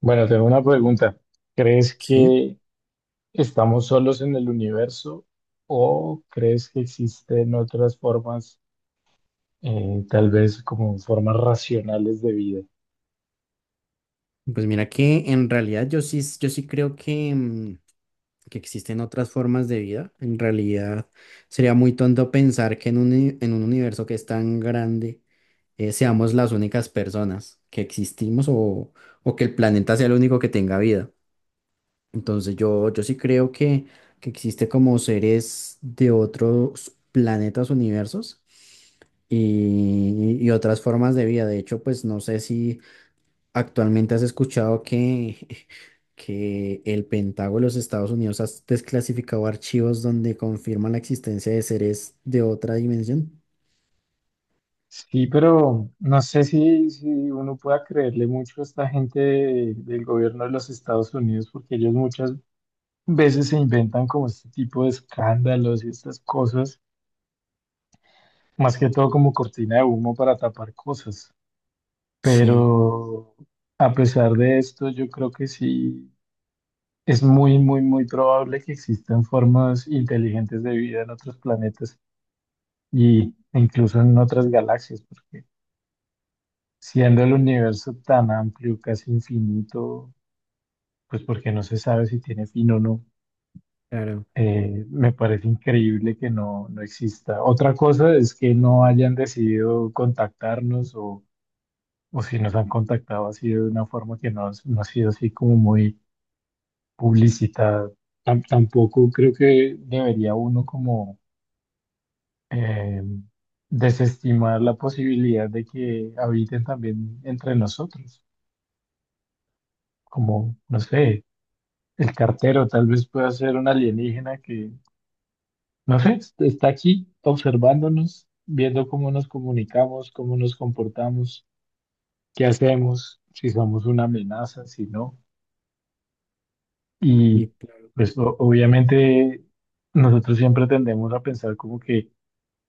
Bueno, tengo una pregunta. ¿Crees Sí, que estamos solos en el universo o crees que existen otras formas, tal vez como formas racionales de vida? pues mira que en realidad yo sí creo que, que existen otras formas de vida. En realidad sería muy tonto pensar que en en un universo que es tan grande, seamos las únicas personas que existimos o que el planeta sea el único que tenga vida. Entonces yo sí creo que existe como seres de otros planetas, universos y otras formas de vida. De hecho, pues no sé si actualmente has escuchado que, que el Pentágono de los Estados Unidos ha desclasificado archivos donde confirman la existencia de seres de otra dimensión. Sí, pero no sé si uno pueda creerle mucho a esta gente del gobierno de los Estados Unidos, porque ellos muchas veces se inventan como este tipo de escándalos y estas cosas, más que todo como cortina de humo para tapar cosas. Sí, Pero a pesar de esto, yo creo que sí es muy, muy, muy probable que existan formas inteligentes de vida en otros planetas y e incluso en otras galaxias, porque siendo el universo tan amplio, casi infinito, pues porque no se sabe si tiene fin o no, claro. Me parece increíble que no exista. Otra cosa es que no hayan decidido contactarnos o si nos han contactado ha sido de una forma que no ha sido así como muy publicidad. Tampoco creo que debería uno como eh, desestimar la posibilidad de que habiten también entre nosotros, como, no sé, el cartero tal vez pueda ser un alienígena que, no sé, está aquí observándonos, viendo cómo nos comunicamos, cómo nos comportamos, qué hacemos, si somos una amenaza, si no. Y, Y claro, pues obviamente nosotros siempre tendemos a pensar como que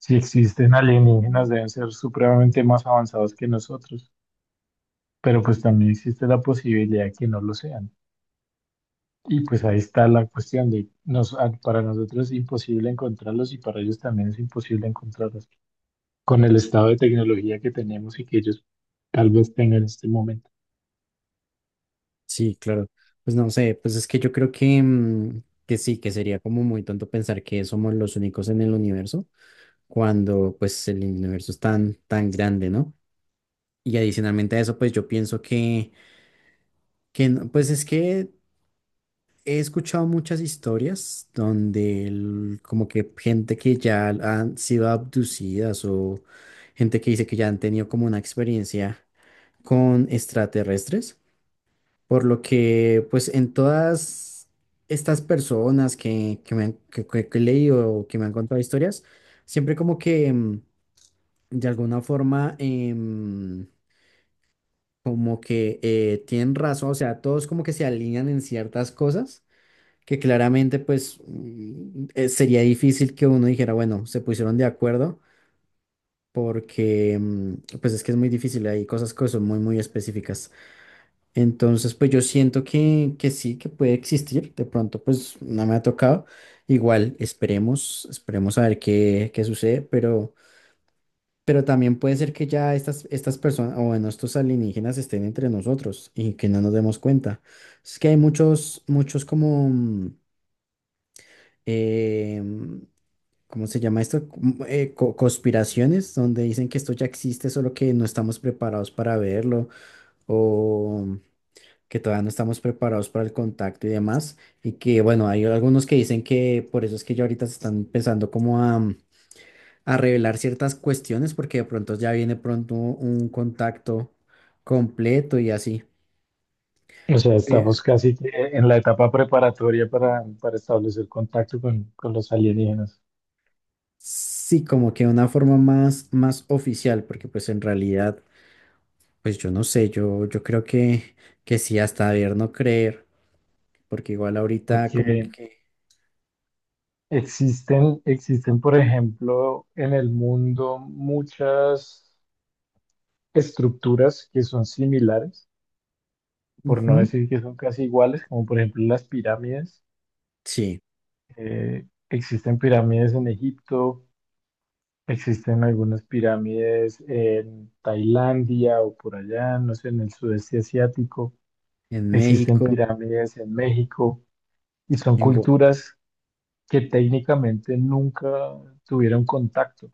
si existen alienígenas, deben ser supremamente más avanzados que nosotros, pero pues también existe la posibilidad que no lo sean. Y pues ahí está la cuestión de, para nosotros es imposible encontrarlos y para ellos también es imposible encontrarlos con el estado de tecnología que tenemos y que ellos tal vez tengan en este momento. sí, claro. Pues no sé, pues es que yo creo que, que sí, que sería como muy tonto pensar que somos los únicos en el universo, cuando pues el universo es tan, tan grande, ¿no? Y adicionalmente a eso, pues yo pienso que no, pues es que he escuchado muchas historias donde como que gente que ya han sido abducidas o gente que dice que ya han tenido como una experiencia con extraterrestres, por lo que pues en todas estas personas que he leído o que me han contado historias, siempre como que de alguna forma, como que tienen razón, o sea, todos como que se alinean en ciertas cosas que claramente pues sería difícil que uno dijera, bueno, se pusieron de acuerdo porque pues es que es muy difícil, hay cosas que son muy muy específicas. Entonces pues yo siento que sí, que puede existir, de pronto pues no me ha tocado, igual esperemos, esperemos a ver qué sucede, pero... Pero también puede ser que ya estas personas, o bueno, estos alienígenas estén entre nosotros y que no nos demos cuenta. Es que hay muchos, muchos como em, ¿cómo se llama esto? Como, conspiraciones, donde dicen que esto ya existe, solo que no estamos preparados para verlo o que todavía no estamos preparados para el contacto y demás. Y que, bueno, hay algunos que dicen que por eso es que ya ahorita se están empezando como a revelar ciertas cuestiones, porque de pronto ya viene pronto un contacto completo y así. O sea, Eh, estamos casi que en la etapa preparatoria para establecer contacto con los alienígenas, sí, como que una forma más, más oficial, porque pues en realidad... Pues yo no sé, yo creo que sí, hasta ver no creer, porque igual ahorita porque como que... existen, por ejemplo, en el mundo muchas estructuras que son similares, por no Ujú. decir que son casi iguales, como por ejemplo las pirámides. Sí, Eh, existen pirámides en Egipto, existen algunas pirámides en Tailandia o por allá, no sé, en el sudeste asiático. en Existen México, pirámides en México y son en... Gua-. culturas que técnicamente nunca tuvieron contacto.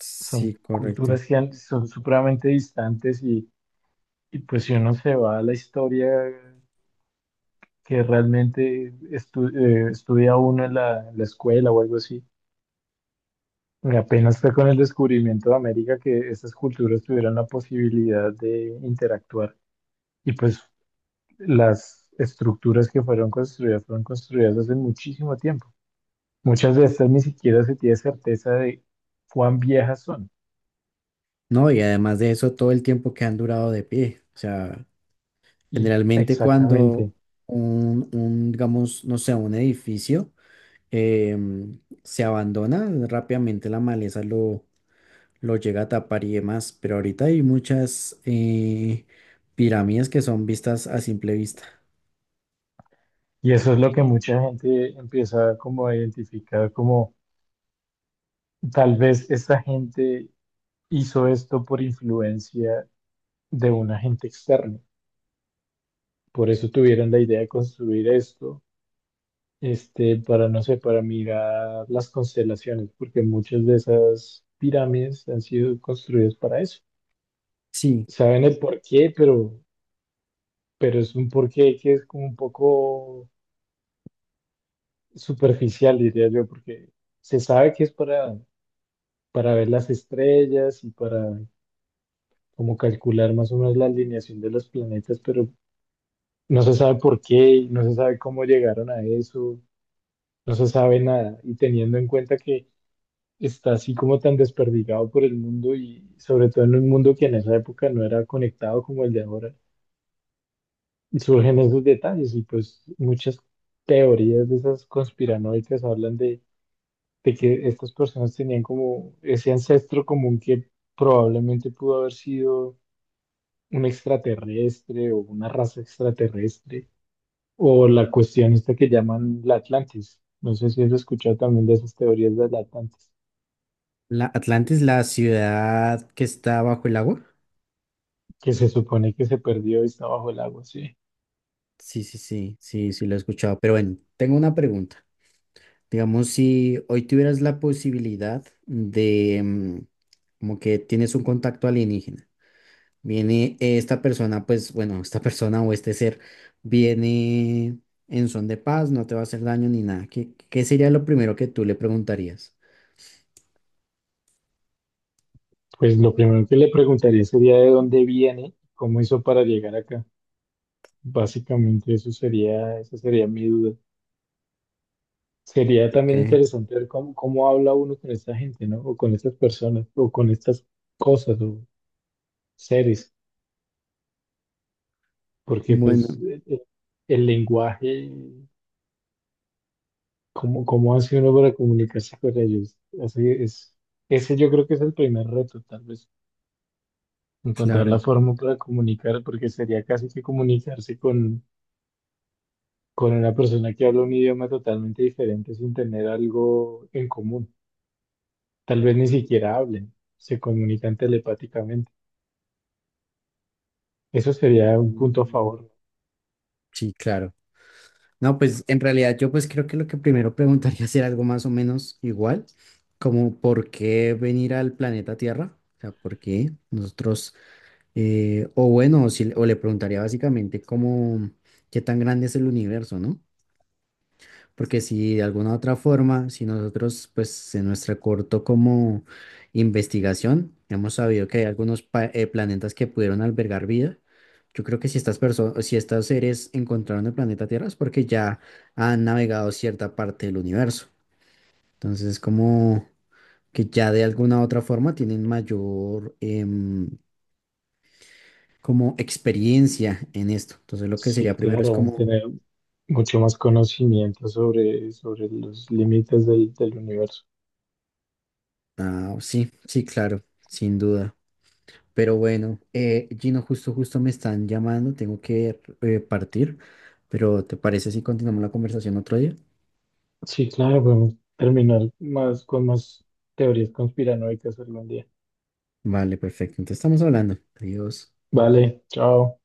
Sí, Son correcto. culturas que son supremamente distantes y pues si uno se va a la historia que realmente estudia uno en en la escuela o algo así, apenas fue con el descubrimiento de América que estas culturas tuvieron la posibilidad de interactuar y pues las estructuras que fueron construidas hace muchísimo tiempo. Muchas de estas ni siquiera se tiene certeza de cuán viejas son. No, y además de eso, todo el tiempo que han durado de pie. O sea, Y generalmente exactamente. cuando digamos, no sé, un edificio, se abandona, rápidamente la maleza lo llega a tapar y demás, pero ahorita hay muchas pirámides que son vistas a simple vista. Y eso es lo que mucha gente empieza como a identificar como tal vez esta gente hizo esto por influencia de un agente externo. Por eso tuvieron la idea de construir esto, este, para, no sé, para mirar las constelaciones, porque muchas de esas pirámides han sido construidas para eso. Sí, Saben el porqué, pero es un porqué que es como un poco superficial, diría yo, porque se sabe que es para ver las estrellas y para como calcular más o menos la alineación de los planetas, pero no se sabe por qué, y no se sabe cómo llegaron a eso, no se sabe nada. Y teniendo en cuenta que está así como tan desperdigado por el mundo y sobre todo en un mundo que en esa época no era conectado como el de ahora, surgen esos detalles y pues muchas teorías de esas conspiranoicas hablan de que estas personas tenían como ese ancestro común que probablemente pudo haber sido un extraterrestre o una raza extraterrestre, o la cuestión esta que llaman la Atlantis. No sé si has escuchado también de esas teorías de la Atlantis, la Atlantis, la ciudad que está bajo el agua. que se supone que se perdió y está bajo el agua, sí. Sí, sí, sí, sí, sí, lo he escuchado. Pero bueno, tengo una pregunta. Digamos, si hoy tuvieras la posibilidad de, como que tienes un contacto alienígena, viene esta persona, pues bueno, esta persona o este ser viene en son de paz, no te va a hacer daño ni nada. Qué sería lo primero que tú le preguntarías? Pues lo primero que le preguntaría sería de dónde viene, cómo hizo para llegar acá. Básicamente eso sería, esa sería mi duda. Sería también Ok, interesante ver cómo, cómo habla uno con esta gente, ¿no? O con estas personas, o con estas cosas o seres, porque pues bueno, el lenguaje ¿cómo, cómo hace uno para comunicarse con ellos? Así es, ese yo creo que es el primer reto, tal vez, encontrar la claro. forma para comunicar, porque sería casi que comunicarse con una persona que habla un idioma totalmente diferente sin tener algo en común. Tal vez ni siquiera hablen, se comunican telepáticamente. Eso sería un punto a Mm, favor. Sí, claro. No, pues en realidad yo pues creo que lo que primero preguntaría sería algo más o menos igual, como por qué venir al planeta Tierra, o sea, por qué nosotros, o bueno, o si- o le preguntaría básicamente cómo, qué tan grande es el universo, ¿no? Porque si de alguna otra forma, si nosotros, pues en nuestra corto como investigación, hemos sabido que hay algunos planetas que pudieron albergar vida, yo creo que si estas personas, si estos seres encontraron el planeta Tierra es porque ya han navegado cierta parte del universo. Entonces, como que ya de alguna otra forma tienen mayor como experiencia en esto. Entonces, lo que Sí, sería primero es claro, van a como, tener mucho más conocimiento sobre, sobre los límites del del universo. ah, sí, sí, claro, sin duda. Pero bueno, Gino, justo me están llamando, tengo que partir, pero ¿te parece si continuamos la conversación otro día? Sí, claro, podemos terminar más con más teorías conspiranoicas algún día. Vale, perfecto, entonces estamos hablando. Adiós. Vale, chao.